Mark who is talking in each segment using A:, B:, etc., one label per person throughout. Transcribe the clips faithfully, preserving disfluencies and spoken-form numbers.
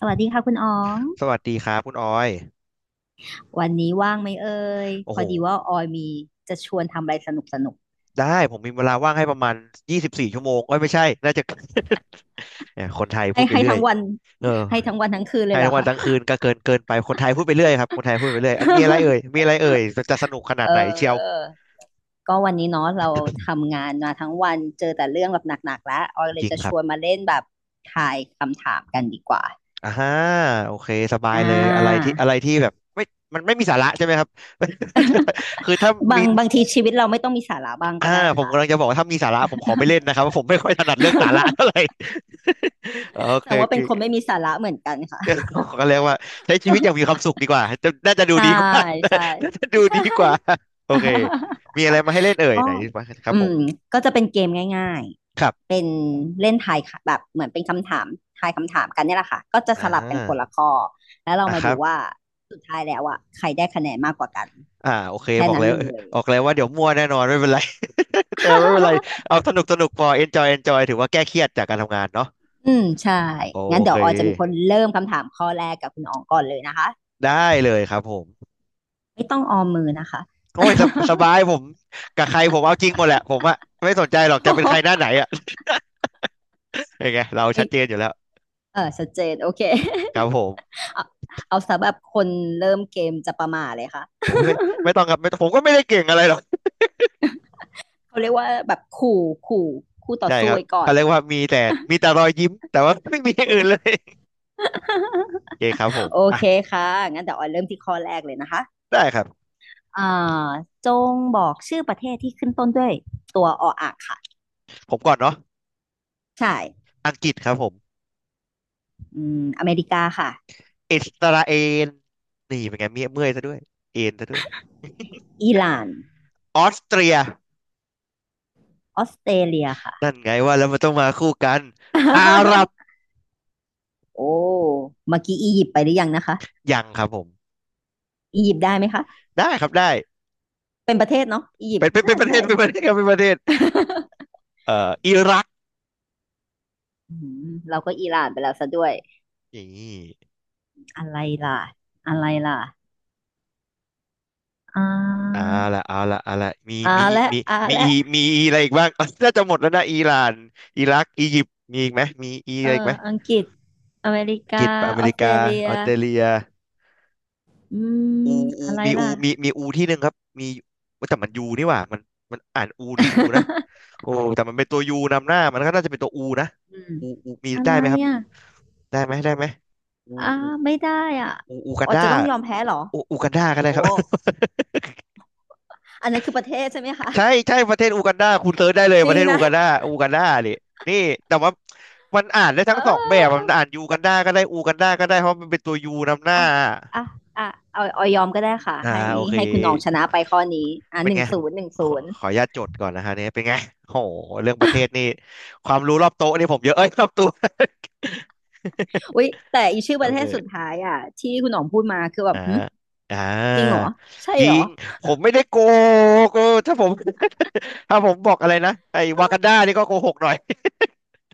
A: สวัสดีค่ะคุณอ๋อง
B: สวัสดีครับคุณออย
A: วันนี้ว่างไหมเอ่ย
B: โอ้
A: พอ
B: โห
A: ดีว่าออยมีจะชวนทำอะไรสนุกสนุก
B: ได้ผมมีเวลาว่างให้ประมาณยี่สิบสี่ชั่วโมงเอ้ยไม่ใช่น่าจะ เนี่ยคนไทยพู
A: ให้
B: ดไป
A: ให้
B: เรื่อ
A: ทั้
B: ย
A: งวัน
B: เออ
A: ให้ทั้งวันทั้งคืน
B: ไท
A: เลย
B: ย
A: เหร
B: ทั้
A: อ
B: งวัน
A: คะ
B: ทั้งคืนก็เกินเกินไป คนไทยพูดไปเรื่อยครับคนไทยพูดไปเรื่อยอันมีอะไรเอ่ย มีอะไรเอ่ยจะจะสนุกขนา
A: เ
B: ดไหนเชียว
A: ออก็วันนี้เนาะเราทำงานมาทั้งวันเจอแต่เรื่องแบบหนักๆแล้วออยเล
B: จ
A: ย
B: ริง
A: จะ
B: ค
A: ช
B: รับ
A: วนมาเล่นแบบทายคำถามกันดีกว่า
B: อ่าฮะโอเคสบาย
A: อ่
B: เลย อะไร
A: า
B: ที่อะไรที่แบบไม่มันไม่มีสาระใช่ไหมครับ คือถ้า
A: บา
B: มี
A: งบางทีชีวิตเราไม่ต้องมีสาระบ้าง
B: อ่า
A: ก็ได้
B: ผม
A: ค่ะ
B: กำลังจะบอกว่าถ้ามีสาระผมขอไม่เล่นนะครับเพราะผมไม่ค่อยถนัดเรื่องสาระเท่าไหร่ โอ
A: แส
B: เค
A: ดงว่าเป็นคนไม่มีสาระเหมือนกันค่ะ
B: เรื่องของเขาเรียกว่าใช้ชีวิตอย่างมีความสุขดีกว่าจะน่าจะดู
A: ใช่
B: ดีกว่า
A: ใช่
B: น่าจะดู
A: ใช่
B: ดีกว่าโอเคมีอะไรมาให้เล่นเอ่ย
A: ก็
B: ไหนบ้างครั
A: อื
B: บผ
A: ม
B: ม
A: ก็จะเป็นเกมง่าย
B: ครับ
A: ๆเป็นเล่นทายค่ะแบบเหมือนเป็นคำถามทายคำถามกันเนี่ยแหละค่ะก็จะ
B: อ่
A: สลับกันคนละ
B: า
A: ข้อแล้วเรา
B: อ่ะ
A: มา
B: ครั
A: ดูว่า
B: บ
A: สุดท้ายแล้วอ่ะใครได้คะแนนมากกว่ากัน
B: อ่าโอเค
A: แค่
B: บอก
A: นั้น
B: แล้ว
A: เลย
B: บอกแล้วว่าเดี๋ยวมั่วแน่นอนไม่เป็นไร แต่ไม่เป็นไรเอา สนุกสนุกพอ enjoy enjoy ถือว่าแก้เครียดจากการทำงานเนาะ
A: อืมใช่
B: โอ
A: งั้นเดี๋
B: เค
A: ยวออยจะเป็นคนเริ่มคำถามข้อแรกกับคุณอองก่อนเลยนะคะ
B: ได้เลยครับผม
A: ไม่ต้องออมมือนะคะ
B: โอ้ยสบส บายผมกับใครผมเอาจริงหมดแหละผมอะไม่สนใจห
A: โอ้
B: รอก
A: โห
B: จะเป็นใครหน้าไหนอะ ยังไงเรา
A: ไม่
B: ชัดเจนอยู่แล้ว
A: เออชัดเจนโอเค
B: ครับผม
A: เอาเอาสำหรับคนเริ่มเกมจะประมาทเลยค่ะ
B: ผมไม่ไม่ต้องครับไม่ต้องผมก็ไม่ได้เก่งอะไรหรอก
A: เขาเรียกว่าแบบขู่ขู่คู่ต่อ
B: ใช่ค
A: สู้
B: รับ
A: ไว้ก่อ
B: เขา
A: น
B: เรียกว่ามีแต่มีแต่รอยยิ้มแต่ว่า ไม่มีอย่างอื่นเลยโอเคครับผม
A: โอ
B: อ่ะ
A: เคค่ะงั้นเดี๋ยวออยเริ่มที่ข้อแรกเลยนะคะ
B: ได้ครับ
A: อ่าจงบอกชื่อประเทศที่ขึ้นต้นด้วยตัวออ่างค่ะ
B: ผมก่อนเนาะ
A: ใช่
B: อังกฤษครับผม
A: อืมอเมริกาค่ะ
B: อิสราเอลนี่เป็นไงเมียเมื่อยซะด้วยเอ็นซะด้วย
A: อิหร่าน
B: ออสเตรีย
A: ออสเตรเลียค่ะ
B: นั่นไงว่าแล้วมันต้องมาคู่กันอาหรับ
A: โอ้เมื่อกี้อียิปต์ไปหรือยังนะคะ
B: ยังครับผม
A: อียิปต์ได้ไหมคะ
B: ได้ครับได้
A: เป็นประเทศเนาะอียิป
B: เป็น
A: ต์
B: เป็นเป็
A: น่า
B: นป
A: จะ
B: ระเทศ
A: ใช่
B: เป็นประเทศครับเป็นประเทศ เอ่ออิรัก
A: อืมเราก็อิหร่านไปแล้วซะด้วย
B: นี่
A: อะไรล่ะอะไรล่ะอ่
B: เอา
A: า
B: ละเอาละเอาละมี
A: อ่า
B: มี
A: และ
B: มี
A: อ่า
B: มี
A: และ
B: มีมีมีอะไรอีกบ้าง น่าจะหมดแล้วนะอิหร่านอิรักอียิปต์มีอีกไหมมีอี
A: เอ
B: อะ
A: อ
B: ไรอีกไหม
A: อังกฤษอเมริ
B: อังกฤ
A: กา
B: ษอเม
A: ออ
B: ริ
A: สเตร
B: กา
A: เลีย
B: ออสเตรเลีย
A: อืม
B: อูอู
A: อะไร
B: มีอู
A: ล่ะ
B: มีมีอูที่หนึ่งครับมีแต่มันยูนี่หว่ามันมันอ่านอูหรือยูนะ โอ้แต่มันเป็นตัวยูนำหน้ามันก็น่าจะเป็นตัวอูนะ
A: อืม
B: อูอูมี
A: อะ
B: ได้
A: ไร
B: ไหมครับ
A: อ่ะ
B: ได้ไหมได้ไหมอู
A: อ่า
B: อู
A: ไม่ได้อ่ะ
B: อูอูกั
A: อ๋
B: น
A: อ
B: ดา
A: จะต้องยอมแพ้เหรอ
B: อูอูกันดาก็ได้
A: โอ้
B: ครับ
A: อันนั้นคือประเทศใช่ไหมคะ
B: ใช่ใช่ประเทศอูกันดาคุณเซิร์ชได้เลย
A: จ
B: ป
A: ริ
B: ระ
A: ง
B: เทศอูกัน
A: นะ
B: ดาอูกันดาดินี่แต่ว่ามันอ่านได้
A: เ
B: ทั้งสองแบบ
A: ออ
B: มันอ่านยูกันดาก็ได้อูกันดาก็ได้เพราะมันเป็นตัวยูนำหน้า
A: อ่ะอ่ะอ่ะเอาเอายอมก็ได้ค่ะ
B: อ่า
A: ให้
B: โอเค
A: ให้คุณน้องชนะไปข้อนี้อ่ะ
B: เป็
A: ห
B: น
A: นึ่ง
B: ไงผ
A: ศู
B: ม
A: นย์หนึ่ง
B: ข
A: ศู
B: อ
A: นย์
B: ขออนุญาตจดก่อนนะฮะเนี่ยเป็นไงโหเรื่องประเทศนี่ความรู้รอบโต๊ะนี่ผมเยอะเอ้ยรอบตัว
A: อุ้ยแต่อีชื่อ
B: โอ
A: ประเท
B: เค
A: ศสุด ท้ายอ่ะที่คุณน้องพูดมาคือแบ
B: อ่า
A: บหึ
B: อ่
A: จริงเหรอ
B: า
A: ใช่
B: จริ
A: เหรอ
B: งผมไม่ได้โกหกเออถ้าผม ถ้าผมบอกอะไรนะไอ้วากันดานี่ก็โกหกหน่อย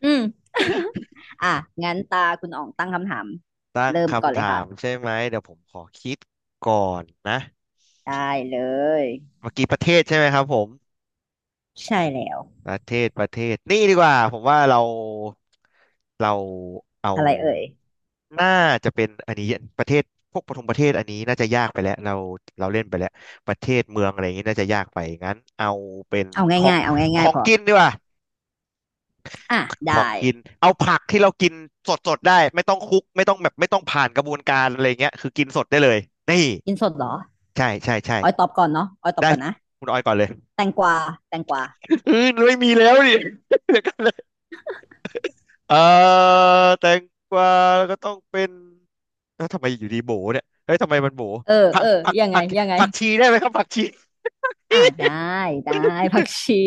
A: อืม อ่ะงั้นตาคุณอ๋องตั้งคำถาม
B: ตั้ง
A: เริ่มก่อน
B: คำ
A: เลย
B: ถาม
A: ค่ะ
B: ใช่ไหมเดี๋ยวผมขอคิดก่อนนะ
A: ได้เลย
B: เมื่อกี้ประเทศใช่ไหมครับผม
A: ใช่แล้ว
B: ประเทศประเทศนี่ดีกว่าผมว่าเราเราเอา
A: อะไรเอ่ย
B: น่าจะเป็นอันนี้ประเทศพวกปฐมประเทศอันนี้น่าจะยากไปแล้วเราเราเล่นไปแล้วประเทศเมืองอะไรอย่างนี้น่าจะยากไปงั้นเอาเป็น
A: เอา
B: ของ
A: ง่ายๆเอา
B: ข
A: ง่า
B: อ
A: ย
B: ง
A: ๆพอ
B: กินดีกว่า
A: อ่ะ
B: ของ
A: ได้
B: กินเอาผักที่เรากินสดสดได้ไม่ต้องคุกไม่ต้องแบบไม่ต้องผ่านกระบวนการอะไรเงี้ยคือกินสดได้เลยนี่
A: กินสดเหรอ
B: ใช่ใช่ใช่
A: ออยตอบก่อนเนาะออยตอบ
B: ได้
A: ก่อนนะ
B: คุณออยก่อนเลย
A: แตงกวาแตงกวา
B: อือไม่มีแล้วดิ เดี๋ยวกัน เออแตงกวาก็ต้องเป็นแล้วทำไมอยู่ดีโบเนี่ยเฮ้ยทำไมมันโบ
A: เออ
B: ผั
A: เอ
B: ก
A: อ
B: ผัก
A: ยังไง
B: ผัก
A: ยังไง
B: ผักชีได้ไหมครับผักชี
A: อ่ะ ได้ได้ผักชี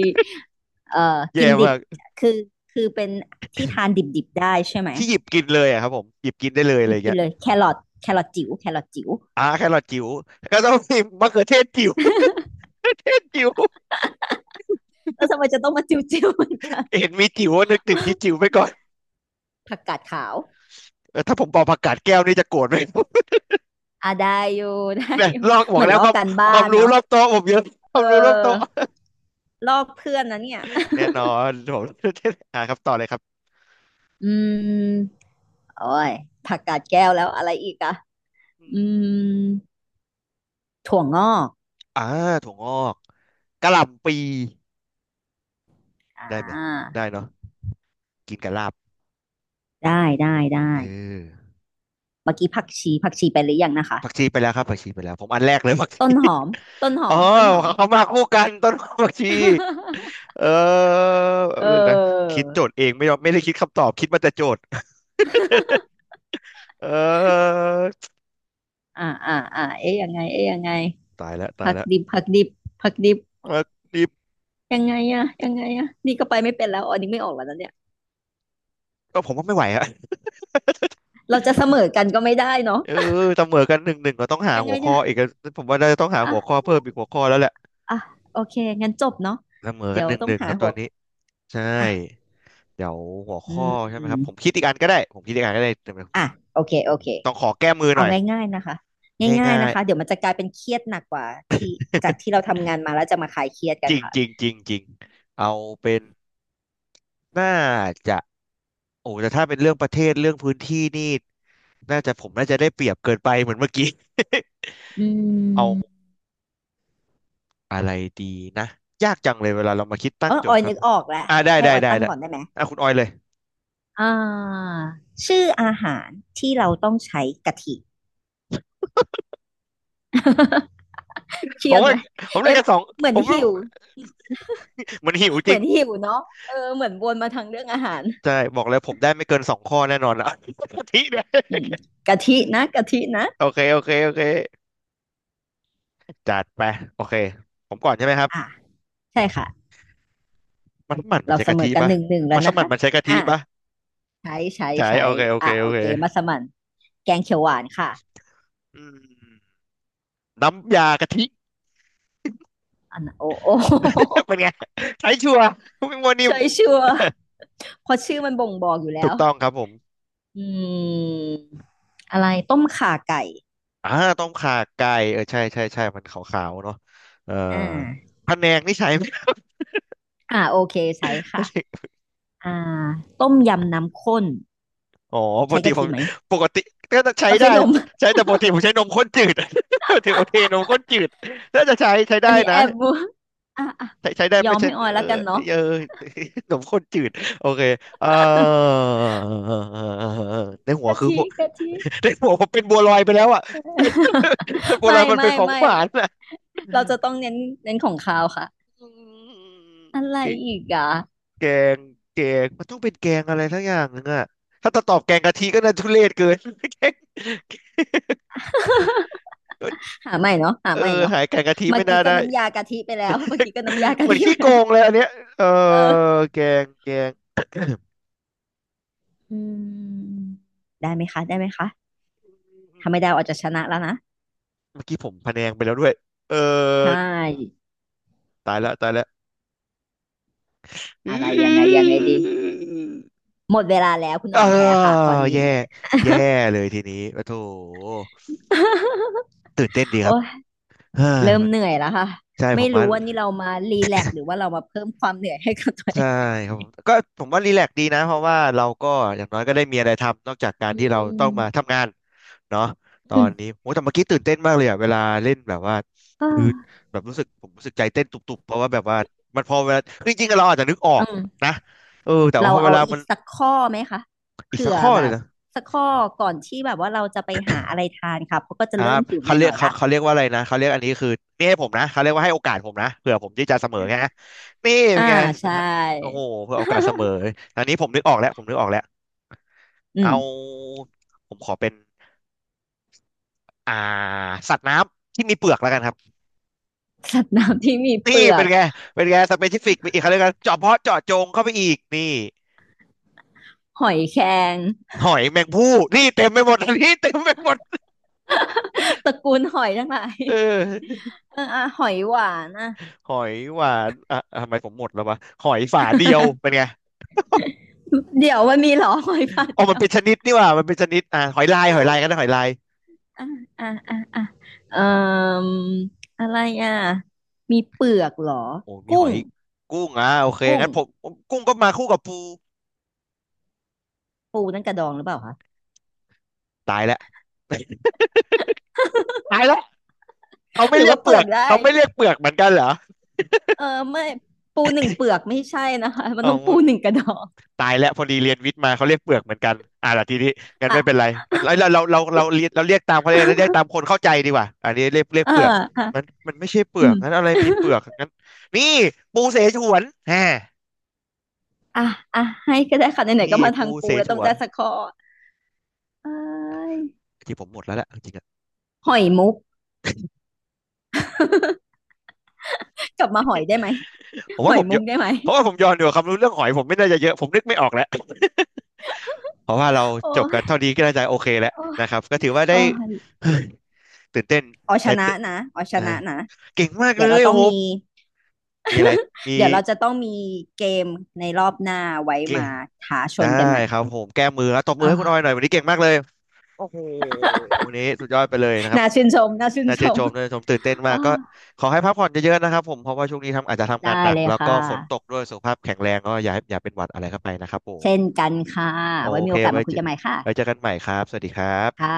A: เอ่อ
B: แย่
A: กินดิ
B: มา
A: บ
B: ก
A: คือคือเป็นที่ทานดิบๆได้ใช่ไหม
B: ที่หยิบกินเลยอะครับผมหยิบกินได้เลยอะ
A: ห
B: ไร
A: ยิ
B: อ
A: บ
B: ย่าง
A: กิ
B: เงี้
A: น
B: ย
A: เลยแครอทแครอทจิ๋วแครอทจิ๋ว
B: อ่าแครอทจิ๋ววก็ต้องมีมะเขือเทศจิ๋ว จิ๋ว
A: แล้วทำไมจะต้องมาจิ๋วๆเหมือนกัน
B: เห็นมีจิ๋วนึกถึงที่จิ๋วไปก่อน
A: ผักกาดขาว
B: เออถ้าผมบอกผักกาดแก้วนี่จะโกรธไหม
A: อ่ะได้อยู่ ได้
B: เนี่ย
A: อยู่
B: ลอกบ
A: เห
B: อก
A: มือน
B: แล้
A: ล
B: ว
A: อ
B: ค
A: ก
B: วาม
A: การบ้า
B: ความ
A: น
B: รู้
A: เนาะ
B: รอบโต๊ะผมเยอะค
A: เ
B: วามรู้รอบโต๊ะ
A: ออลอกเพื่อนนะเนี่ย
B: แน่นอนผม อ่าครับต่อเลยครับ
A: อืมโอ้ยผักกาดแก้วแล้วอะไรอีกอะ
B: อ
A: อื
B: ม
A: มถั่วงอก
B: อ่าถั่วงอกกะหล่ำปี
A: อ่
B: ได้ไหม
A: า
B: ได้เนาะกินกับลาบ
A: ได้ได้ได้
B: เออ
A: เมื่อกี้ผักชีผักชีไปหรือยังนะคะ
B: ผักชีไปแล้วครับผักชีไปแล้วผมอันแรกเลยผัก
A: ต้
B: ชี
A: นหอมต้นห อ
B: อ๋อ
A: มต้นหอม
B: เขามาคู่กันต้นหอมผักชี เออ
A: เอ
B: เรื่องนะ
A: อ
B: คิดโจทย์เองไม่ยอมไม่ได้คิดคำตอบคิดมาแต่โจทย์ เออ
A: อ่าอ่าอ่าเอ๊ะยังไงเอ๊ะยังไง
B: ตายแล้วตาย
A: ผัก
B: แล้ว
A: ดิบผักดิบผักดิบ
B: เออดี
A: ยังไงอะยังไงอะนี่ก็ไปไม่เป็นแล้วอ๋อนี่ไม่ออกแล้วนะเนี่ย
B: ก็ผมว่าไม่ไหวอะ
A: เราจะเสมอกันก็ไม่ได้เนาะ
B: เออเสมอกันหนึ่งหนึ่งเราต้องหา
A: ยัง
B: หั
A: ไง
B: วข้
A: เนี่
B: อ
A: ย
B: อีกอะผมว่าเราจะต้องหาหัวข้อ
A: อ่ะ
B: เพิ่มอีกหัวข้อแล้วแหละ
A: อ่ะโอเคงั้นจบเนาะ
B: เสมอกั
A: เดี๋
B: น
A: ย
B: ห
A: ว
B: นึ่ง
A: ต้อ
B: ห
A: ง
B: นึ่ง
A: หา
B: ครับต
A: หั
B: อ
A: ว
B: น
A: อ
B: นี้ใช่
A: อ่ะ
B: เดี๋ยวหัว
A: อื
B: ข้อใช่ไหมครับผม
A: ม
B: คิดอีกอันก็ได้ผมคิดอีกอันก็ได้แต่ผ
A: อ่ะ
B: ม
A: โอเค
B: ผ
A: โอ
B: ม
A: เค
B: ต้องขอแก้มือห
A: เอา
B: น่อย
A: ง่ายๆนะคะง่าย
B: ง่า
A: ๆนะ
B: ย
A: คะเดี๋ยวมันจะกลายเป็นเครียดหนักกว่าที่จากที่เราทำงานมาแล้วจะมาคลายเครียด
B: ๆ
A: กั
B: จ
A: น
B: ริง
A: ค่ะ
B: จริงจริงจริงเอาเป็นน่าจะโอ้แต่ถ้าเป็นเรื่องประเทศเรื่องพื้นที่นี่น่าจะผมน่าจะได้เปรียบเกินไปเหมือนเมื่อกี้
A: อื
B: เอา
A: ม
B: อะไรดีนะยากจังเลยเวลาเรามาคิดตั้
A: เอ
B: ง
A: อ
B: โจ
A: อ
B: ท
A: อ
B: ย์
A: ย
B: ครับ
A: นึกออกแล้ว
B: อ่าได้
A: ให้
B: ได้
A: ออย
B: ได้
A: ตั้ง
B: ได้
A: ก่อนได้ไหม
B: อ่ะคุณออยเลย
A: อ่าชื่ออาหารที่เราต้องใช้กะทิ เค
B: ผ
A: รีย
B: ม
A: ด
B: ว่า
A: ไหม
B: ผมได้
A: เอ็ม
B: กันสอง
A: เหมือ
B: ผ
A: น
B: ม
A: หิว
B: มันหิวจ
A: เหมื
B: ริ
A: อ
B: ง
A: นหิวเนาะเออเหมือนวนมาทางเรื่องอาหาร
B: ใช่บอกเลยผมได้ไม่เกินสองข้อแน่นอนละ กะทิเนี่ย
A: อืมกะทินะกะทินะ
B: โอเคโอเคโอเคจัดไปโอเคผมก่อนใช่ไหมครั
A: อ่า
B: บ
A: ใช่ค่ะ
B: มันมันมัน
A: เรา
B: ใช้
A: เส
B: กะ
A: ม
B: ทิ
A: อกัน
B: ปะ
A: หนึ่งหนึ่งแล้
B: มั
A: ว
B: นส
A: นะ
B: มัน
A: คะ
B: มันใช้กะทิ
A: อ่า
B: ปะ
A: ใช้ใช้
B: ใช่
A: ใช้
B: โอเคโอเค
A: อ่า
B: โอ
A: โอ
B: เค
A: เคมัสมั่นแกงเขียวหวานค่ะ
B: อืมน้ำยากะทิ
A: อันน่ะโอ้โอ้
B: เป็นไงใช้ชัวร์ไม่มัว นิ่ม
A: ใช่ชัวร์เพราะชื่อมันบ่งบอกอยู่แล้
B: ถูก
A: ว
B: ต้องครับผม
A: อืมอะไรต้มข่าไก่
B: อ่าต้มข่าไก่เออใช่ใช่ใช่มันขาวๆเนาะเออ
A: อ่า
B: พะแนงนี่ใช้ไหม
A: อ่าโอเคใช้ค่ะ อ่าต้มยำน้ำข้น
B: อ๋อป
A: ใช้
B: กติ
A: กะ
B: ผ
A: ทิ
B: ม
A: ไหม
B: ปกติก็จะใช้
A: เขา
B: ได้
A: ใช้นม
B: ใช้ แต่ปกติผมใช้นมข้นจืด ถือโอเคนมข้นจืดน่าจะใช้ใช้
A: อัน
B: ได้
A: นี้แอ
B: นะ
A: บ บัวอ่ะอ่ะ
B: ใช้ใช้ได้
A: ยอ
B: ไม่
A: ม
B: ใช่
A: ให้ออย
B: เอ
A: แล้ว
B: อ
A: กันเนาะ
B: เออ ขนมข้นจืดโอเคเออ ในหัว
A: กะ
B: คือ
A: ทิ
B: หัว
A: กะทิ
B: ในหัวผมเป็นบัวลอยไปแล้วอ่ะ บัวลอ
A: ไม่
B: ยมันเป็น
A: ไม่
B: ของ
A: ไม่
B: หวานอ่ะ
A: เราจะต้องเน้นเน้นของคาวค่ะ
B: อื
A: อะ
B: ม
A: ไร
B: แก
A: อีกอ่ะ
B: งแกงมันต้องเป็นแกงอะไรทั้งอย่างนึงอ่ะถ้าจะตอบแกงกะทิก็น่าทุเรศเกิน แกง
A: หาใหม่เนาะหา
B: เออ
A: ใหม่เนาะ
B: หายแกงกะทิ
A: เมื่
B: ไม่
A: อ
B: น่า
A: กี้ก็
B: ได้
A: น้ำยากะทิไปแล้วเมื่อกี้ก็น้ำยา
B: เห
A: กะ
B: มือน
A: ทิ
B: ขี้
A: ไป
B: โก
A: แล้ว
B: งเลยอันเนี้ยเออ
A: เออ
B: แกงแกง
A: อืมได้ไหมคะได้ไหมคะถ้าไม่ได้อาจจะชนะแล้วนะ
B: เมื่อกี้ผมพะแนงไปแล้วด้วยเอ
A: ใช
B: อ
A: ่
B: ตายละตายละ อื
A: อะไรยังไงยังไง
B: ม
A: ดีหมดเวลาแล้วคุณ
B: เอ
A: ห
B: อ
A: น่องแพ้ค่ะข้อนี้
B: แย่แย่เลยทีนี้โอ้โถ ตื่นเต้นดีค
A: โอ้
B: รับ
A: ย
B: เฮ้ย
A: เริ่ม
B: มัน
A: เหนื่อยแล้วค่ะ
B: ใช่ผ
A: ไม่
B: มว่า
A: รู้ว่านี่เรามารีแลกซ์หรือว่าเรามาเพิ่มความเหนื่อยให้กับตัวเอ
B: ใช่
A: งในวัน
B: ครับ
A: นี้
B: ผมก็ผมว่ารีแลกซ์ดีนะเพราะว่าเราก็อย่างน้อยก็ได้มีอะไรทำนอกจากการ
A: อื
B: ที่เราต้องมา
A: ม
B: ทำงานเนาะตอ
A: อืม
B: นนี้โอ้แต่เมื่อกี้ตื่นเต้นมากเลยอ่ะเวลาเล่นแบบว่าคือแบบรู้สึกผมรู้สึกใจเต้นตุบๆเพราะว่าแบบว่ามันพอเวลาจริงๆเราอาจจะนึกออ
A: อื
B: ก
A: ม
B: นะเออแต่ว่า
A: เรา
B: พอเว
A: เอา
B: ลา
A: อี
B: มัน
A: กสักข้อไหมคะ
B: อีก
A: เผื่
B: สัก
A: อ
B: ข้อ
A: แบ
B: เลย
A: บ
B: นะ
A: สักข้อก่อนที่แบบว่าเราจะไปหาอะไรทานค่ะเพราะก็
B: ค
A: จะ
B: รั
A: เริ่ม
B: บ
A: หิวห
B: เขาเรีย
A: น่
B: ก
A: อยๆ
B: เขา
A: ละ
B: เขาเรียกว่าอะไรนะเขาเรียกอันนี้คือนี่ให้ผมนะเขาเรียกว่าให้โอกาสผมนะเผื่อผมที่จะเสมอไงฮะนี่เป็น
A: อ่า
B: ไง
A: ใช
B: โอ้โห
A: ่
B: เผื่อโอกาสเสมอ อันนี้ผมนึกออกแล้วผมนึกออกแล้ว
A: อื
B: เอา
A: ม
B: ผมขอเป็นอ่าสัตว์น้ำที่มีเปลือกแล้วกันครับ
A: สัตว์น้ำที่มีเป
B: นี่
A: ลือ
B: เป็
A: ก
B: นไงเป็นไงสเปซิฟิกไปอีกเขาเรียกกันเจาะเพาะเจาะจงเข้าไปอีกนี่
A: หอยแครง
B: หอยแมงภู่นี่เต็มไปหมด อันนี้เต็มไปหมด
A: ตระกูลหอยทั้งหลาย
B: เออ
A: เอออ่ะหอยหวานอ่ะ
B: หอยหวานอ่ะทำไมผมหมดแล้ววะหอยฝาเดียวเป็นไง
A: เดี๋ยวมันมีเหรอ หอยฝาด
B: อ๋อ
A: เดี
B: มั
A: ย
B: น
A: ว
B: เป็นชนิดนี่หว่ามันเป็นชนิดอ่าหอยลายหอยลายกันนะหอยลาย
A: อ่ะอ่ะอ่ะอ่ะเอ่ออะไรอ่ะมีเปลือกเหรอ
B: โอ้มี
A: กุ้
B: หอ
A: ง
B: ยกุ้งอ่ะโอเค
A: กุ้ง
B: งั้นผมผมกุ้งก็มาคู่กับปู
A: ปูนั่นกระดองหรือเปล่าคะ
B: ตายแล้วตายแล้วเขา
A: ห
B: ไม่
A: รือ
B: เรีย
A: ว่า
B: ก
A: เป
B: เป
A: ลื
B: ลื
A: อ
B: อก
A: กได้
B: เขาไม่เรียกเปลือกเหมือนกันเหรอ
A: เออไม่ปูหนึ่งเปลือกไม่ใช่นะคะมัน
B: อ๋อ
A: ต้องปูหนึ่งกระดอง
B: ตายแล้วพอดีเรียนวิทย์มาเขาเรียกเปลือกเหมือนกันอ่าล่ะทีนี้งั้น
A: อ่ะ
B: ไม่เป็นไรมันเราเราเราเราเรียกเราเรียกตามเขาเรยนะเรียกตาม คนเข้าใจดีกว่าอันนี้เรียกเรียก
A: เออ
B: เปลือก
A: อ่ะ
B: มันมันไม่ใช่เปลื
A: อื
B: อก
A: ม
B: งั้นอะไรมีเปลือกงั้นนี่ปูเสฉวนแหม
A: อ่ะอ่ะให้ก็ได้ค่ะไหนๆก็
B: นี่
A: มาทา
B: ปู
A: ง
B: เส
A: ปูแล้ว
B: ฉ
A: ต้อ
B: ว
A: ง
B: น
A: ได้สักข้อเอ้ย
B: ที่ผมหมดแล้วแหละจริงๆ
A: หอยมุกกลับมาหอยได้ไหม
B: ผม
A: ห
B: ว่า
A: อย
B: ผม
A: มุ
B: เย
A: ก
B: อะ
A: ได้ไหม
B: เพราะว่าผมย้อนดูความรู้เรื่องหอยผมไม่น่าจะเยอะผมนึกไม่ออกแล้วเพราะว่าเรา
A: โอ้
B: จบกันเท่า
A: ย
B: นี้ก็น่าจะโอเคแล้ว
A: โอ้ย
B: นะครับก็ถือว่าได้
A: โอ้ย
B: ตื่นเต้น
A: เอาช
B: แต่
A: นะนะเอาช
B: เอ่อ
A: นะนะ
B: เก่งมาก
A: เดี๋
B: เล
A: ยวเรา
B: ย
A: ต้อ
B: โอ้
A: ง
B: โห
A: มี
B: มีอะไรมี
A: เดี๋ยวเราจะต้องมีเกมในรอบหน้าไว้
B: เก่
A: มา
B: ง
A: ท้าช
B: ได้
A: นกันใหม่
B: ครับผมแก้มือแล้วตบมือให้คุณออยห
A: อ่า
B: น่อยวันนี้เก่งมากเลยโอ้โหวันนี้สุดยอดไปเลยนะครับ
A: น่าชื่นชมน่าชื่น
B: น่า
A: ช
B: ชื่น
A: ม
B: ชมน่าชื่นชมตื่นเต้นมา
A: อ่า
B: กก็ขอให้พักผ่อนเยอะๆนะครับผมเพราะว่าช่วงนี้ทำอาจจะทำ
A: ได้
B: งานหนั
A: เล
B: ก
A: ย
B: แล้ว
A: ค่ะ
B: ก็ฝนตกด้วยสุขภาพแข็งแรงก็อย่าให้อย่าเป็นหวัดอะไรเข้าไปนะครับผ
A: เช่น
B: ม
A: กันค่ะ
B: โอ
A: ไว้มี
B: เค
A: โอกาส
B: ไว้
A: มาคุ
B: เจ
A: ย
B: อ
A: กันใหม่ค่ะ
B: ไว้เจอกันใหม่ครับ สวัสดีครั
A: ค่ะ
B: บ